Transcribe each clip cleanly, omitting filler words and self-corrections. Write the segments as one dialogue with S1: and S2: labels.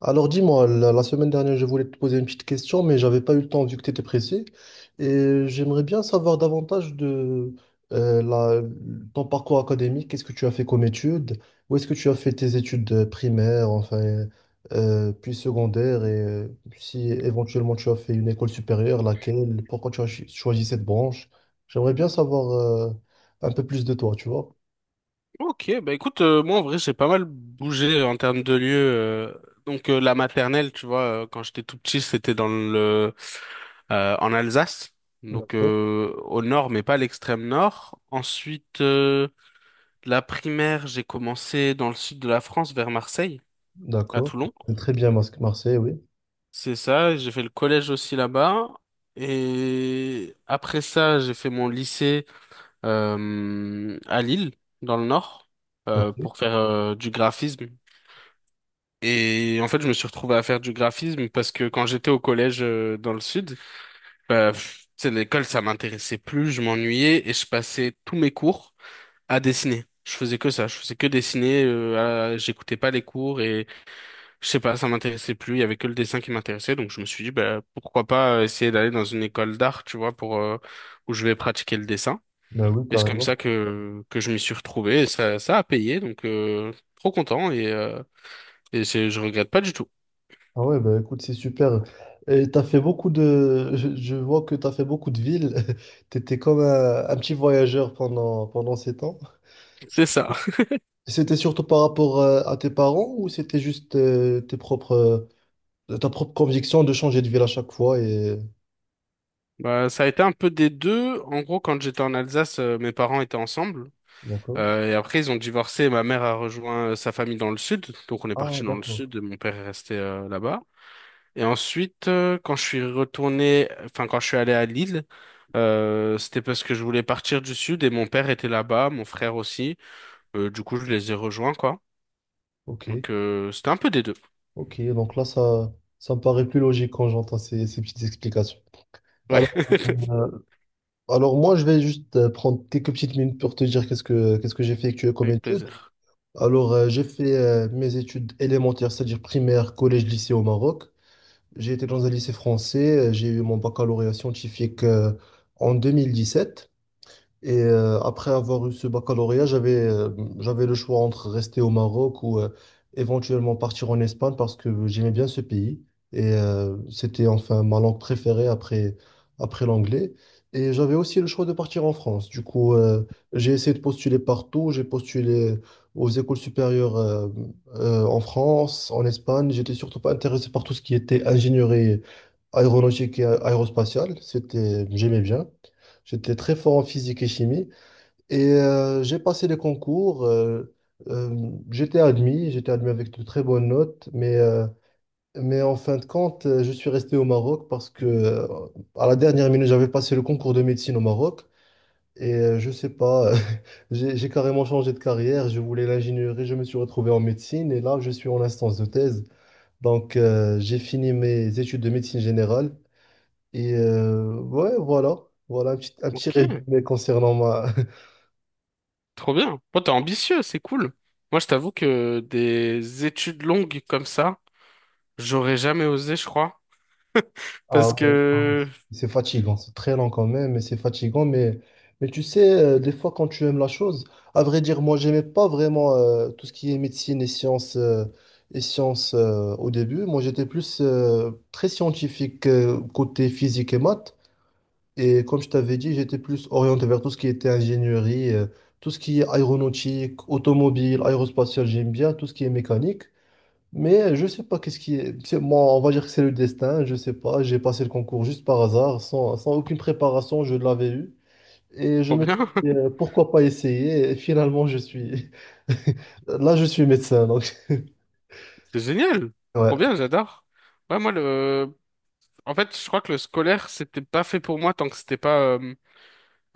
S1: Alors dis-moi, la semaine dernière, je voulais te poser une petite question, mais j'avais pas eu le temps vu que tu étais pressé. Et j'aimerais bien savoir davantage de euh, la- ton parcours académique. Qu'est-ce que tu as fait comme études? Où est-ce que tu as fait tes études primaires, enfin, puis secondaires, et si éventuellement tu as fait une école supérieure, laquelle? Pourquoi tu as choisi cette branche? J'aimerais bien savoir un peu plus de toi, tu vois.
S2: Ok, bah écoute, moi en vrai j'ai pas mal bougé en termes de lieu. Donc la maternelle, tu vois, quand j'étais tout petit, c'était dans le en Alsace, donc
S1: D'accord,
S2: au nord, mais pas à l'extrême nord. Ensuite, la primaire, j'ai commencé dans le sud de la France, vers Marseille, à
S1: d'accord.
S2: Toulon.
S1: Très bien, Marseille, oui.
S2: C'est ça, j'ai fait le collège aussi là-bas. Et après ça, j'ai fait mon lycée à Lille, dans le nord,
S1: Ok,
S2: pour faire du graphisme. Et en fait, je me suis retrouvé à faire du graphisme parce que quand j'étais au collège dans le sud, bah, pff, tu sais, l'école, ça m'intéressait plus, je m'ennuyais et je passais tous mes cours à dessiner. Je faisais que ça, je faisais que dessiner, j'écoutais pas les cours et je sais pas, ça m'intéressait plus, il y avait que le dessin qui m'intéressait, donc je me suis dit, bah, pourquoi pas essayer d'aller dans une école d'art, tu vois, pour, où je vais pratiquer le dessin.
S1: ben oui,
S2: Et
S1: t'as
S2: c'est comme
S1: raison.
S2: ça que je m'y suis retrouvé et ça a payé, donc trop content et, je regrette pas du tout.
S1: Ah ouais, bah écoute, c'est super. Et t'as fait beaucoup de... Je vois que t'as fait beaucoup de villes. T'étais comme un petit voyageur pendant, pendant ces temps.
S2: C'est ça.
S1: C'était surtout par rapport à tes parents ou c'était juste ta propre conviction de changer de ville à chaque fois et...
S2: Bah, ça a été un peu des deux. En gros, quand j'étais en Alsace, mes parents étaient ensemble.
S1: D'accord.
S2: Et après, ils ont divorcé. Ma mère a rejoint sa famille dans le sud. Donc, on est parti
S1: Ah,
S2: dans le
S1: d'accord.
S2: sud et mon père est resté là-bas. Et ensuite, quand je suis retourné, enfin, quand je suis allé à Lille, c'était parce que je voulais partir du sud et mon père était là-bas, mon frère aussi. Du coup, je les ai rejoints, quoi.
S1: Ok,
S2: Donc, c'était un peu des deux.
S1: ok. Donc là, ça me paraît plus logique quand j'entends ces, ces petites explications.
S2: Ouais,
S1: Alors, euh, alors moi, je vais juste prendre quelques petites minutes pour te dire qu'est-ce que j'ai effectué comme
S2: avec
S1: étude.
S2: plaisir.
S1: Alors, j'ai fait mes études élémentaires, c'est-à-dire primaire, collège, lycée au Maroc. J'ai été dans un lycée français. J'ai eu mon baccalauréat scientifique en 2017. Et après avoir eu ce baccalauréat, j'avais le choix entre rester au Maroc ou éventuellement partir en Espagne parce que j'aimais bien ce pays. Et c'était enfin ma langue préférée après l'anglais. Et j'avais aussi le choix de partir en France. Du coup, j'ai essayé de postuler partout. J'ai postulé aux écoles supérieures en France, en Espagne. J'étais surtout pas intéressé par tout ce qui était ingénierie aéronautique et aérospatiale. C'était, j'aimais bien. J'étais très fort en physique et chimie et j'ai passé les concours. J'étais admis avec de très bonnes notes, mais en fin de compte, je suis resté au Maroc parce que à la dernière minute, j'avais passé le concours de médecine au Maroc et je sais pas, j'ai carrément changé de carrière. Je voulais l'ingénierie, je me suis retrouvé en médecine et là, je suis en instance de thèse. Donc, j'ai fini mes études de médecine générale et ouais, voilà. Voilà un petit
S2: Ok.
S1: résumé concernant ma,
S2: Trop bien. Bon, t'es ambitieux, c'est cool. Moi, je t'avoue que des études longues comme ça, j'aurais jamais osé, je crois.
S1: Ah
S2: Parce
S1: ouais, ah,
S2: que,
S1: c'est fatigant, c'est très lent quand même, mais c'est fatigant. Mais tu sais, des fois, quand tu aimes la chose, à vrai dire, moi, j'aimais pas vraiment tout ce qui est médecine et sciences, au début. Moi, j'étais plus très scientifique côté physique et maths. Et comme je t'avais dit, j'étais plus orienté vers tout ce qui était ingénierie, tout ce qui est aéronautique, automobile, aérospatiale, j'aime bien, tout ce qui est mécanique. Mais je sais pas qu'est-ce qui est. Moi, on va dire que c'est le destin, je sais pas. J'ai passé le concours juste par hasard, sans aucune préparation, je l'avais eu. Et je
S2: trop
S1: me suis
S2: bien.
S1: dit, pourquoi pas essayer? Et finalement, je suis. Là, je suis médecin, donc.
S2: C'est génial. Trop
S1: Ouais,
S2: bien, j'adore. Ouais, moi, le, en fait, je crois que le scolaire, c'était pas fait pour moi tant que c'était pas, euh,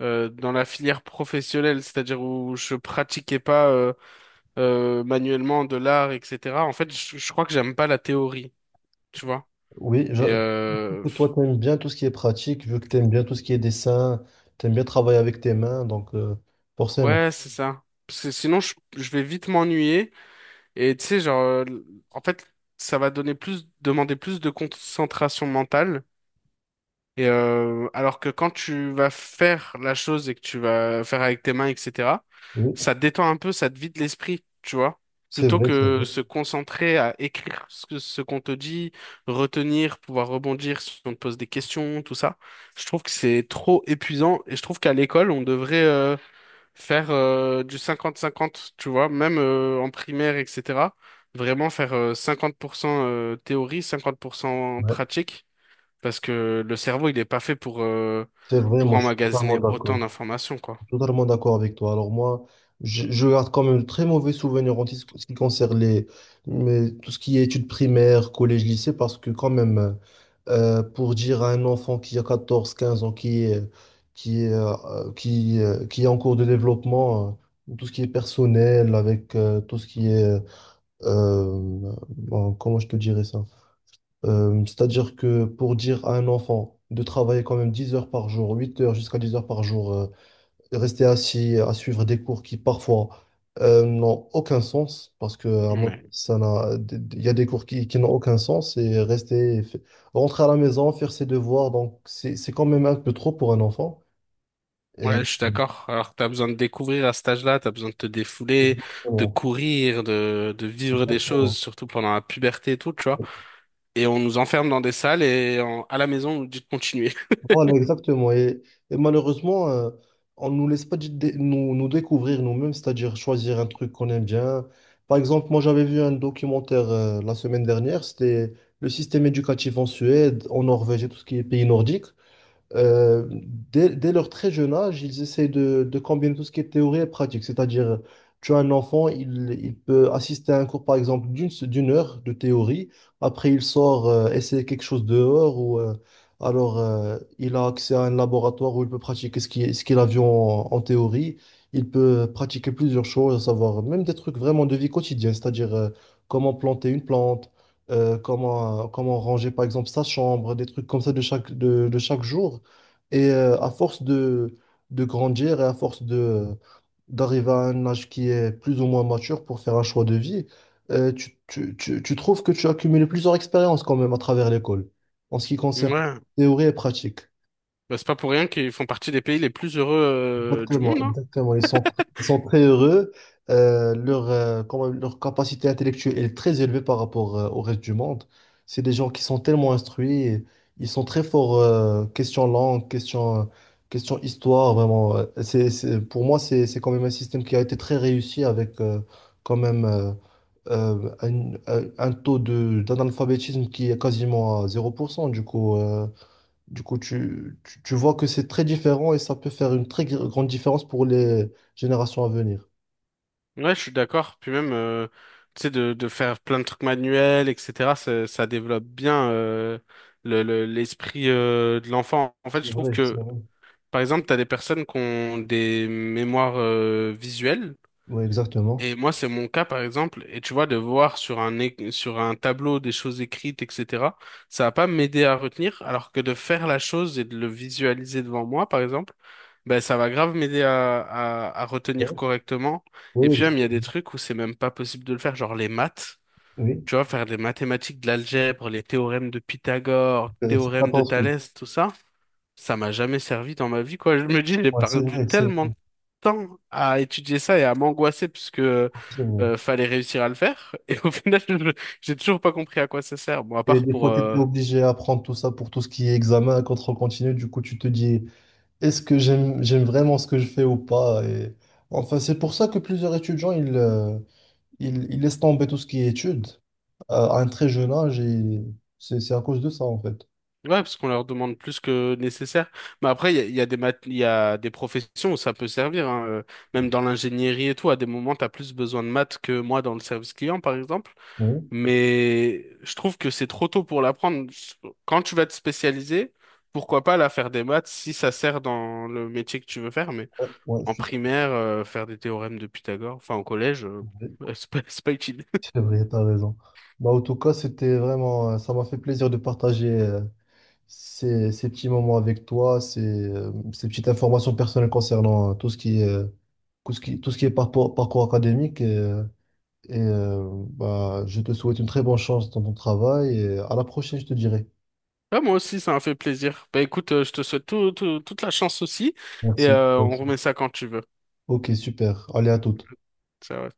S2: euh, dans la filière professionnelle, c'est-à-dire où je pratiquais pas, manuellement de l'art, etc. En fait, je crois que j'aime pas la théorie, tu vois.
S1: oui, je
S2: Et,
S1: trouve que toi, tu aimes bien tout ce qui est pratique, vu que tu aimes bien tout ce qui est dessin, tu aimes bien travailler avec tes mains, donc forcément.
S2: ouais, c'est ça. Parce que sinon, je vais vite m'ennuyer. Et tu sais, genre, en fait, ça va donner plus, demander plus de concentration mentale. Et alors que quand tu vas faire la chose et que tu vas faire avec tes mains, etc., ça
S1: Oui,
S2: te détend un peu, ça te vide l'esprit, tu vois.
S1: c'est
S2: Plutôt
S1: vrai, c'est
S2: que
S1: vrai.
S2: se concentrer à écrire ce qu'on te dit, retenir, pouvoir rebondir si on te pose des questions, tout ça. Je trouve que c'est trop épuisant et je trouve qu'à l'école, on devrait, faire du 50-50, tu vois, même en primaire, etc. Vraiment faire 50% théorie, 50%
S1: Ouais,
S2: pratique, parce que le cerveau, il n'est pas fait
S1: c'est vrai,
S2: pour
S1: moi, je suis totalement
S2: emmagasiner autant
S1: d'accord.
S2: d'informations, quoi.
S1: Totalement d'accord avec toi. Alors moi, je garde quand même de très mauvais souvenirs en ce qui concerne les, mais tout ce qui est études primaires, collège, lycée, parce que quand même, pour dire à un enfant qui a 14, 15 ans, qui est en cours de développement, tout ce qui est personnel, avec tout ce qui est, euh, bon, comment je te dirais ça? C'est-à-dire que pour dire à un enfant de travailler quand même 10 heures par jour, 8 heures jusqu'à 10 heures par jour, de rester assis à suivre des cours qui parfois n'ont aucun sens, parce que à moi
S2: Ouais.
S1: ça n'a, il y a des cours qui n'ont aucun sens, et rester, rentrer à la maison, faire ses devoirs, donc c'est quand même un peu trop pour un enfant. Et-
S2: Ouais, je suis d'accord. Alors, tu as besoin de découvrir à cet âge-là, tu as besoin de te défouler, de
S1: Exactement.
S2: courir, de vivre des choses,
S1: Exactement.
S2: surtout pendant la puberté et tout, tu vois. Et on nous enferme dans des salles à la maison, on nous dit de continuer.
S1: Voilà, exactement. Et malheureusement, on ne nous laisse pas nous, nous découvrir nous-mêmes, c'est-à-dire choisir un truc qu'on aime bien. Par exemple, moi, j'avais vu un documentaire la semaine dernière, c'était le système éducatif en Suède, en Norvège et tout ce qui est pays nordique. Euh, dès leur très jeune âge, ils essaient de combiner tout ce qui est théorie et pratique. C'est-à-dire, tu as un enfant, il peut assister à un cours, par exemple, d'une heure de théorie. Après, il sort essayer quelque chose dehors ou alors il a accès à un laboratoire où il peut pratiquer ce qu'il a vu en théorie. Il peut pratiquer plusieurs choses, à savoir même des trucs vraiment de vie quotidienne, c'est-à-dire comment planter une plante comment ranger par exemple sa chambre, des trucs comme ça de chaque, de chaque jour. Et à force de grandir et à force de d'arriver à un âge qui est plus ou moins mature pour faire un choix de vie, tu trouves que tu as accumulé plusieurs expériences quand même à travers l'école en ce qui concerne
S2: Ouais.
S1: théorie et pratique.
S2: Bah, c'est pas pour rien qu'ils font partie des pays les plus heureux du
S1: Exactement,
S2: monde, hein.
S1: exactement. Ils sont très heureux. Leur, quand même, leur capacité intellectuelle est très élevée par rapport au reste du monde. C'est des gens qui sont tellement instruits. Et ils sont très forts, question langue, question, question histoire, vraiment. Pour moi, c'est quand même un système qui a été très réussi avec quand même un taux d'analphabétisme qui est quasiment à 0%. Du coup, tu vois que c'est très différent et ça peut faire une très grande différence pour les générations à venir.
S2: Ouais, je suis d'accord. Puis même, tu sais, de faire plein de trucs manuels, etc., ça, ça développe bien l'esprit de l'enfant. En fait,
S1: C'est
S2: je trouve
S1: vrai, c'est
S2: que,
S1: vrai.
S2: par exemple, t'as des personnes qui ont des mémoires visuelles.
S1: Oui, exactement.
S2: Et moi, c'est mon cas, par exemple. Et tu vois, de voir sur sur un tableau des choses écrites, etc., ça va pas m'aider à retenir, alors que de faire la chose et de le visualiser devant moi, par exemple, ben, ça va grave m'aider à retenir
S1: Ouais,
S2: correctement. Et
S1: oui,
S2: puis même, il y a des
S1: exactement.
S2: trucs où c'est même pas possible de le faire, genre les maths.
S1: Oui,
S2: Tu vois, faire des mathématiques, de l'algèbre, les théorèmes de Pythagore,
S1: C'est pas
S2: théorème de
S1: ton truc.
S2: Thalès, tout ça ça m'a jamais servi dans ma vie, quoi. Je me dis, j'ai
S1: Ouais, c'est
S2: perdu
S1: vrai, c'est
S2: tellement
S1: vrai.
S2: de temps à étudier ça et à m'angoisser parce que
S1: Continue.
S2: fallait réussir à le faire. Et au final, je- j'ai toujours pas compris à quoi ça sert. Bon, à
S1: Et
S2: part
S1: des
S2: pour...
S1: fois, tu étais obligé à prendre tout ça pour tout ce qui est examen, contrôle continu. Du coup, tu te dis, est-ce que j'aime vraiment ce que je fais ou pas? Et... Enfin, c'est pour ça que plusieurs étudiants, ils laissent tomber tout ce qui est études à un très jeune âge et c'est à cause de ça, en fait.
S2: Ouais, parce qu'on leur demande plus que nécessaire. Mais après, il y a des professions où ça peut servir, hein. Même dans l'ingénierie et tout, à des moments, t'as plus besoin de maths que moi dans le service client, par exemple.
S1: Oui,
S2: Mais je trouve que c'est trop tôt pour l'apprendre. Quand tu vas te spécialiser, pourquoi pas la faire des maths si ça sert dans le métier que tu veux faire. Mais
S1: ouais, ouais, je
S2: en
S1: suis
S2: primaire, faire des théorèmes de Pythagore, enfin au collège,
S1: désolé.
S2: c'est pas utile.
S1: C'est vrai, t'as raison. Bah, en tout cas, c'était vraiment, ça m'a fait plaisir de partager ces petits moments avec toi, ces petites informations personnelles concernant tout ce qui est, tout ce qui est parcours, parcours académique. Bah, je te souhaite une très bonne chance dans ton travail et à la prochaine, je te dirai.
S2: Ah, moi aussi, ça m'a fait plaisir. Bah écoute, je te souhaite toute la chance aussi et
S1: Merci.
S2: on
S1: Merci.
S2: remet ça quand tu veux.
S1: Ok, super. Allez, à toute.
S2: Ça ouais.